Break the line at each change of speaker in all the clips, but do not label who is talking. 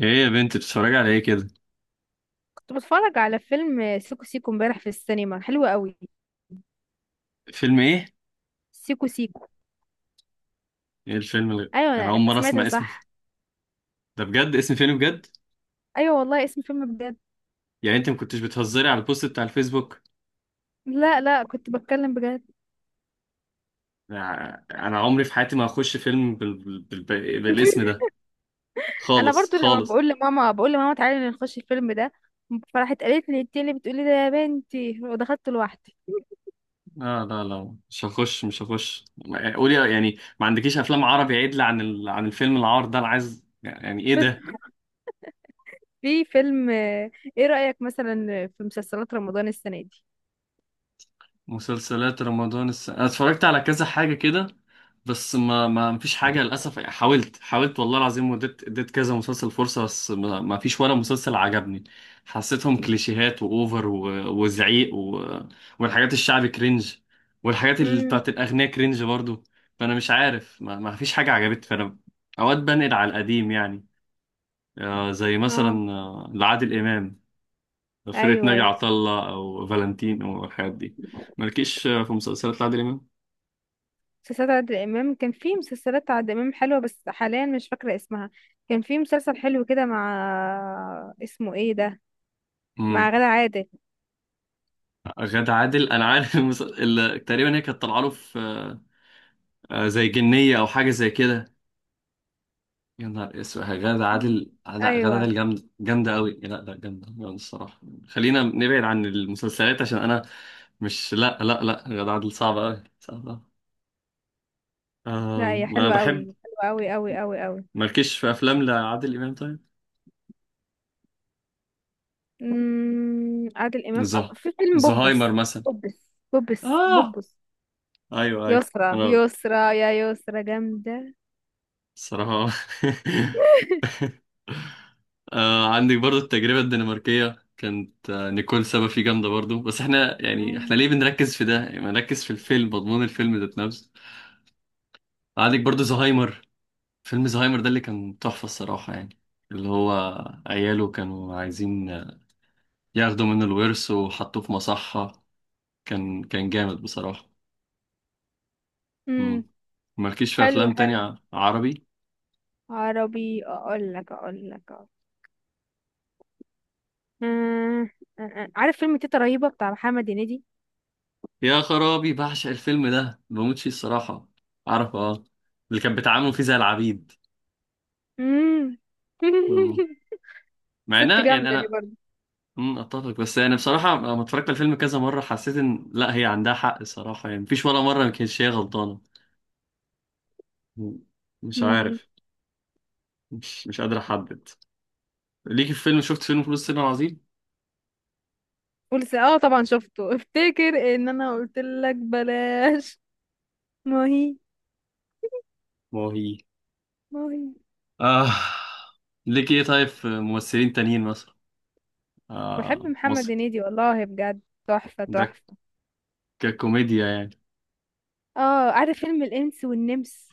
ايه يا بنت، بتتفرجي على ايه كده؟
كنت بتفرج على فيلم سيكو سيكو امبارح في السينما، حلو قوي.
فيلم ايه؟
سيكو سيكو.
ايه الفيلم اللي؟
ايوه،
انا اول
انت
مره
سمعت
اسمع اسم.
صح.
ده بجد اسم فيلم بجد؟
ايوه والله، اسم فيلم بجد.
يعني انت ما كنتش بتهزري على البوست بتاع الفيسبوك؟
لا لا، كنت بتكلم بجد.
انا عمري في حياتي ما هخش فيلم بالاسم ده
انا
خالص
برضو لما
خالص.
بقول لماما، بقول لماما تعالي نخش الفيلم ده، فراحت قالت لي انت اللي بتقولي ده يا بنتي، ودخلت لوحدي.
لا لا لا، مش هخش. قولي، يعني ما عندكيش افلام عربي عدل عن الفيلم العار ده؟ انا عايز، يعني ايه ده؟
في فيلم. ايه رأيك مثلا في مسلسلات رمضان السنة دي؟
مسلسلات رمضان انا اتفرجت على كذا حاجه كده. بس ما فيش حاجه للاسف، يعني حاولت حاولت والله العظيم، وديت اديت كذا مسلسل فرصه، بس ما فيش ولا مسلسل عجبني. حسيتهم كليشيهات واوفر، و... وزعيق، و... والحاجات الشعبي كرنج، والحاجات اللي
امم.
بتاعت الاغنياء كرنج برضو. فانا مش عارف، ما فيش حاجه عجبتني. فانا اوقات بنقل على القديم يعني. زي
اه.
مثلا، لعادل امام، فرقة
ايوه
ناجي
ايوه.
عطا الله أو فالنتين أو الحاجات دي. مالكيش في مسلسلات لعادل إمام؟
مسلسلات عادل امام، كان في مسلسلات عادل امام حلوه بس حاليا مش فاكره اسمها. كان في مسلسل حلو كده، مع اسمه ايه ده، مع
امم.
غادة عادل.
غادة عادل، أنا عارف تقريبا هي كانت طالعة له في، زي جنية أو حاجة زي كده. يا نهار اسود، غادة
مم.
عادل! غادة
ايوه.
عادل جامدة جامدة أوي، لا لا، جامدة جامدة الصراحة. خلينا نبعد عن المسلسلات عشان أنا مش لا لا لا، غادة عادل صعبة أوي، صعبة أوي.
لا، هي
أنا
حلوه قوي.
بحب.
حلوه قوي قوي قوي قوي.
مالكيش في أفلام لعادل إمام طيب؟
امم، عادل امام،
زه
في فيلم بوبس.
زهايمر مثلا.
بوبس بوبس
آه،
بوبس.
أيوه أيوه
يسرى
أنا
يسرى، يا يسرى جامده.
الصراحة. عندك برضو التجربة الدنماركية، كانت نيكول سابا فيه جامدة برضو. بس احنا يعني، ليه بنركز في ده؟ يعني ما نركز في الفيلم، مضمون الفيلم ذات نفسه. عندك برضو زهايمر، فيلم زهايمر ده اللي كان تحفة الصراحة يعني. اللي هو عياله كانوا عايزين، ياخدوا منه الورث وحطوه في مصحة. كان جامد بصراحة.
امم.
مم. مالكيش في
حلو
أفلام تانية
حلو.
عربي؟
عربي، اقول لك أقول. آه، عارف فيلم تيتا رهيبه بتاع محمد هنيدي.
يا خرابي، بعشق الفيلم ده، بموت فيه الصراحة. عارفه، اه، اللي كان بيتعاملوا فيه زي العبيد.
مم.
مم. مع
ست
انها يعني
جامدة دي
انا.
برضه.
اتفق. بس يعني بصراحة لما اتفرجت على الفيلم كذا مرة، حسيت ان لا، هي عندها حق الصراحة يعني. مفيش ولا مرة ما كانتش هي غلطانة. مم. مش
امم.
عارف، مش قادر احدد ليكي في فيلم. شفت فيلم فلوس الصين العظيم؟
قلت اه طبعا شفته. افتكر ان انا قلت لك بلاش. ما هي
ما هو هي،
ما هي
آه. ليكي ايه طيب، في ممثلين تانيين مثلا؟
بحب
آه،
محمد
مصر.
هنيدي والله بجد. تحفة
ده
تحفة.
ككوميديا يعني.
اه، عارف فيلم الانس والنمس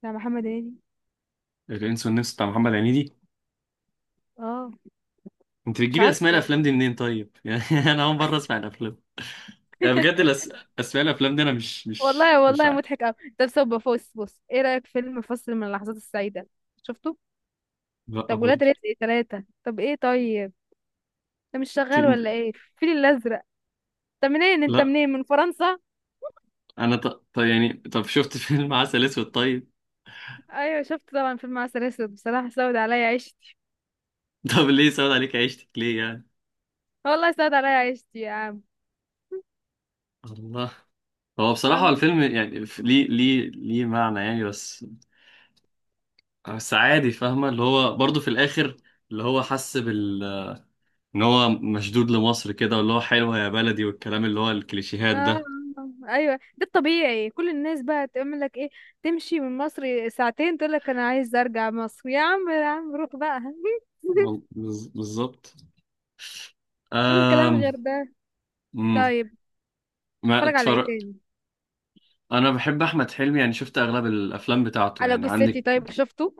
بتاع محمد هنيدي.
الانس والنمس بتاع محمد هنيدي.
اه.
انت
مش
بتجيبي
عارفه
اسماء
والله.
الافلام دي منين طيب؟ يعني انا اول مره اسمع الافلام، يعني بجد. اسماء الافلام دي انا
والله
مش
والله
عارف.
مضحك قوي. طب بص بص، ايه رأيك في فيلم فصل من اللحظات السعيدة؟ شفته.
لا
طب ولاد
برضه.
رزق 3. طب ايه طيب. ده مش شغال، ولا
انت-
ايه الفيل الازرق؟ انت منين انت
لا
منين من فرنسا؟
انا طب يعني، طب شفت فيلم عسل اسود طيب؟
ايوه شفت طبعا فيلم عسل اسود، بصراحه سود عليا عيشتي.
طب ليه سود عليك عيشتك؟ ليه يعني؟
والله سود عليا عيشتي يا عم.
الله. هو بصراحة
الله.
الفيلم يعني، ليه، ليه معنى يعني، بس. بس عادي، فاهمة اللي هو برضه في الآخر، اللي هو حس بال إن هو مشدود لمصر كده، واللي هو حلوة يا بلدي والكلام، اللي هو الكليشيهات
آه.
ده.
ايوه، ده الطبيعي. كل الناس بقى تعمل لك ايه، تمشي من مصر ساعتين تقول لك انا عايز ارجع مصر يا عم، يا عم روح بقى.
بالظبط.
ولا كلام غير ده.
امم.
طيب.
ما
هتفرج على ايه
اتفرج.
تاني؟
انا بحب احمد حلمي، يعني شفت اغلب الافلام بتاعته
على
يعني.
جثتي،
عندك
طيب شفته.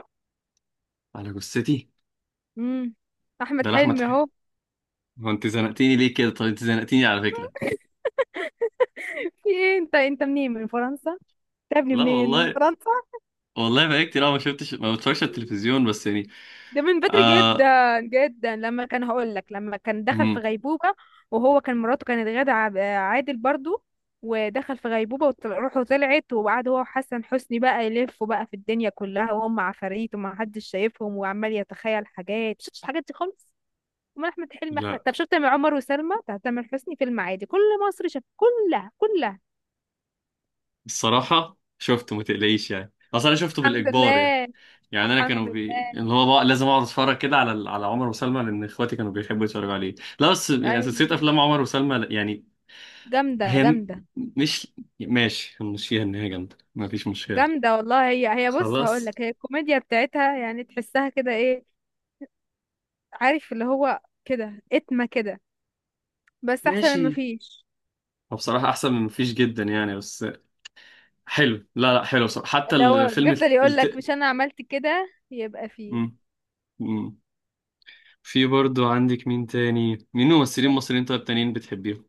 على جثتي؟
امم. احمد
ده لاحمد
حلمي اهو.
حلمي. هو انت زنقتيني ليه كده؟ طب انت زنقتيني على فكره.
في ايه، انت منين من فرنسا انت؟ يا ابني،
لا
منين من
والله،
فرنسا.
والله بقى كتير أوي ما شفتش، ما بتفرجش على التلفزيون بس يعني.
ده من بدري جدا
آه.
جدا، لما كان هقول لك، لما كان دخل في
امم.
غيبوبة، وهو كان مراته كانت غادة عادل برضو، ودخل في غيبوبة وروحه طلعت وقعد هو وحسن حسني بقى يلفوا بقى في الدنيا كلها وهم عفاريت وما حدش شايفهم وعمال يتخيل حاجات. شفتش الحاجات دي خالص؟ امال احمد حلمي.
لا.
طب شفت مع عمر وسلمى بتاع تامر حسني فيلم عادي، كل مصر شاف، كلها كلها.
الصراحه شفته ما تقلقيش، يعني اصل انا شفته
الحمد
بالاجبار يعني.
لله.
يعني انا كانوا
الحمد لله.
اللي هو بقى لازم اقعد اتفرج كده على عمر وسلمى، لان اخواتي كانوا بيحبوا يتفرجوا عليه. لا، بس يعني سلسله
ايوه.
افلام عمر وسلمى يعني.
جامدة
هي م-
جامدة.
مش، ماشي، هنمشيها ان هي جامدة، مفيش مشكلة.
جامدة والله. هي بص هقول
خلاص.
لك، هي الكوميديا بتاعتها يعني تحسها كده، ايه عارف اللي هو كده، اتمة كده، بس احسن من
ماشي.
مفيش.
هو بصراحة احسن من مفيش جدا يعني، بس. حلو، لا لا، حلو بصراحة. حتى
اللي هو
الفيلم الت...
بيفضل يقول لك
الت...
مش انا عملت كده يبقى فيه.
مم. مم. في برضو عندك مين تاني، مين ممثلين
انا
مصريين طيب تانيين بتحبيهم؟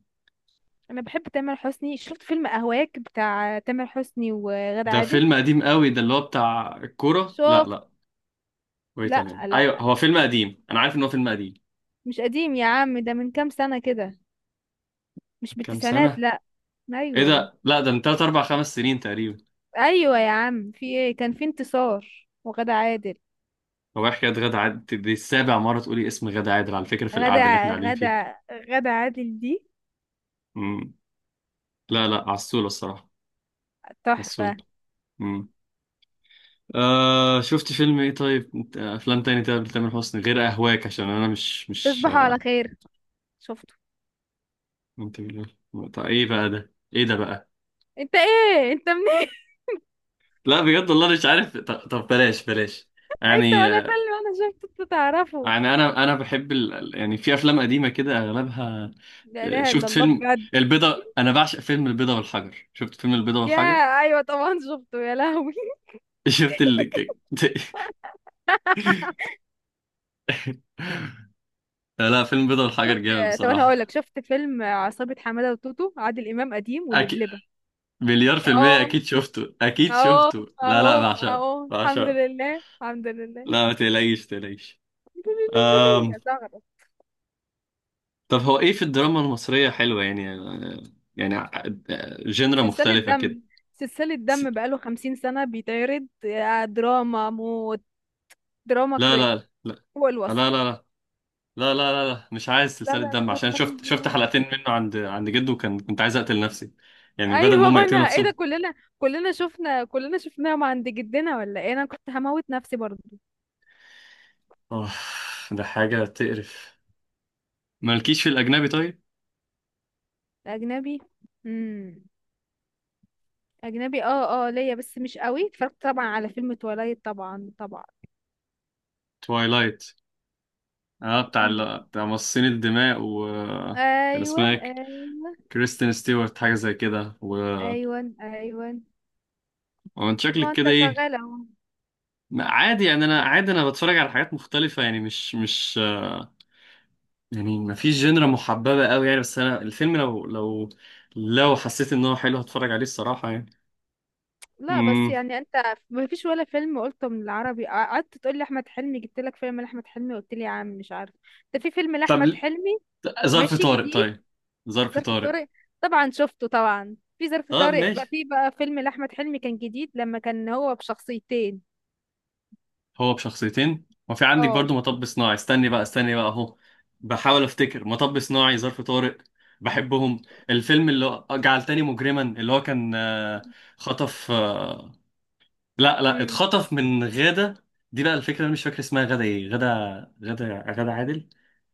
أنا بحب تامر حسني. شفت فيلم اهواك بتاع تامر حسني وغادة
ده
عادل؟
فيلم قديم قوي، ده اللي هو بتاع الكورة، لا
شفت.
لا. وي
لا
تمام،
لا
ايوه هو
لا،
فيلم قديم، انا عارف ان هو فيلم قديم.
مش قديم يا عم، ده من كام سنة كده، مش
كام
بالتسعينات
سنة؟
لا.
ايه
ايوه
ده؟ لا، ده من 3 4 5 سنين تقريبا.
ايوه يا عم، في ايه، كان في انتصار وغادة عادل.
هو إيه حكاية غادة عادل دي؟ السابع مرة تقولي اسم غادة عادل، على فكرة، في
غادة
القعدة اللي احنا قاعدين فيها.
غادة غادة عادل دي
مم. لا لا، عسولة الصراحة، عسولة.
تحفة.
مم. آه، شفت فيلم ايه طيب؟ افلام تاني طيب لتامر حسني غير اهواك، عشان انا مش،
تصبحوا على
آه.
خير. شفته.
طب ايه بقى ده؟ ايه ده بقى؟
انت منين؟
لا بجد والله مش عارف. طب بلاش بلاش.
انت
يعني
ولا
آه،
فيلم انا شفته انت تعرفه.
يعني انا بحب يعني في افلام قديمة كده اغلبها.
لا
آه،
اله الا
شفت
الله
فيلم
بجد.
البيضة، انا بعشق فيلم البيضة والحجر. شفت فيلم البيضة
يا
والحجر؟
ايوه طبعا شفته يا لهوي.
شفت اللي. لا، فيلم بيضة والحجر
شفت.
جامد
طب انا هقول لك،
بصراحة.
شفت فيلم عصابة حمادة وتوتو، عادل امام قديم
أكيد،
واللبلبة.
مليار في
اهو
المية أكيد شفته، أكيد
اهو
شفته، لا
اهو
لا، بعشقه
اهو. الحمد
بعشقه.
لله الحمد لله.
لا، ما تقلقيش تقلقيش.
الحمد لله يا
أم.
زغرة.
طب هو إيه في الدراما المصرية حلوة يعني؟ يعني، جنرا
سلسلة
مختلفة كده.
دم. سلسلة
س-
دم بقاله 50 سنة بيتعرض، دراما موت. دراما
لا
كريك.
لا لا
هو
لا،
الوصف.
لا لا لا لا لا لا، مش عايز
لا
سلسلة
لا
دم،
لا
عشان
لا
شفت
لا.
حلقتين منه عند جده، كنت عايز أقتل نفسي، يعني بدل ما
ايوه،
هم
بنا
يقتلوا
ايه ده،
نفسهم.
كلنا شفناهم عند جدنا ولا ايه، انا كنت هموت نفسي برضو.
أوه، ده حاجة تقرف. مالكيش في الأجنبي طيب؟
اجنبي. امم. اجنبي، ليا بس مش قوي. اتفرجت طبعا على فيلم تولايت، طبعا طبعا.
توايلايت، اه، بتاع
امم.
ال... بتاع مصاصين الدماء، و كان
ايوه
اسمها
ايوه.
كريستين ستيوارت، حاجة زي كده. و
ايوه ايوه.
وانت
طب
شكلك
ما انت
كده ايه؟
شغال اهو.
عادي يعني، انا عادي، انا بتفرج على حاجات مختلفة يعني، مش. يعني ما فيش جنرا محببة قوي يعني. بس انا الفيلم لو، لو حسيت ان هو حلو هتفرج عليه الصراحة يعني.
لا بس
امم.
يعني انت، ما فيش ولا فيلم قلته من العربي، قعدت تقول لي احمد حلمي، جبت لك فيلم لاحمد حلمي قلت لي يا عم مش عارف. ده في فيلم
طب
لاحمد حلمي.
ظرف
ماشي،
طارق
جديد.
طيب، ظرف
ظرف
طارق.
طارق. طبعا شفته، طبعا في ظرف
طب
طارق بقى،
ماشي.
في بقى فيلم لأحمد حلمي كان جديد لما كان هو بشخصيتين.
هو بشخصيتين، وفي عندك
اه.
برضو مطب صناعي. استني بقى، استني بقى اهو، بحاول افتكر. مطب صناعي، ظرف طارق، بحبهم. الفيلم اللي جعلتني مجرما، اللي هو كان، آه، خطف، آه، لا لا،
امم.
اتخطف من غادة دي. بقى الفكرة انا مش فاكر اسمها، غادة ايه؟ غادة، غادة عادل،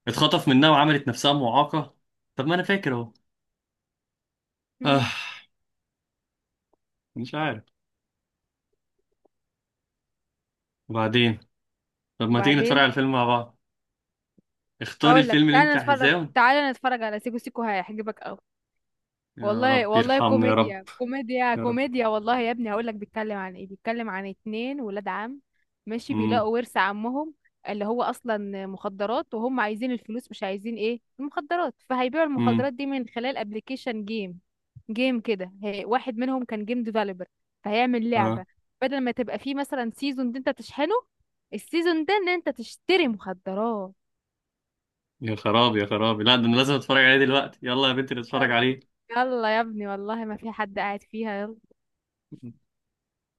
اتخطف منها وعملت نفسها معاقة. طب ما انا فاكر اهو. آه.
امم.
مش عارف. وبعدين، طب ما تيجي نتفرج على
وبعدين،
الفيلم مع بعض؟ اختاري
اقول لك
الفيلم اللي انت
تعالى نتفرج،
عايزاه.
تعالى نتفرج على سيكو سيكو، هيعجبك قوي.
يا
والله
رب
والله
يرحمني يا رب،
كوميديا كوميديا
يا رب.
كوميديا، والله يا ابني هقول لك بيتكلم عن ايه، بيتكلم عن 2 ولاد عم، ماشي،
مم.
بيلاقوا ورث عمهم اللي هو اصلا مخدرات، وهم عايزين الفلوس مش عايزين ايه المخدرات، فهيبيعوا
امم.
المخدرات دي من خلال ابلكيشن جيم. جيم كده، واحد منهم كان جيم ديفلوبر، فهيعمل
اه.
لعبة بدل ما تبقى فيه مثلا سيزون دي انت تشحنه، السيزون ده ان انت تشتري مخدرات.
يا خرابي يا خرابي، لا، ده انا لازم اتفرج عليه دلوقتي. يلا يا بنتي، نتفرج
يلا.
عليه.
يلا يا ابني والله، ما في حد قاعد فيها.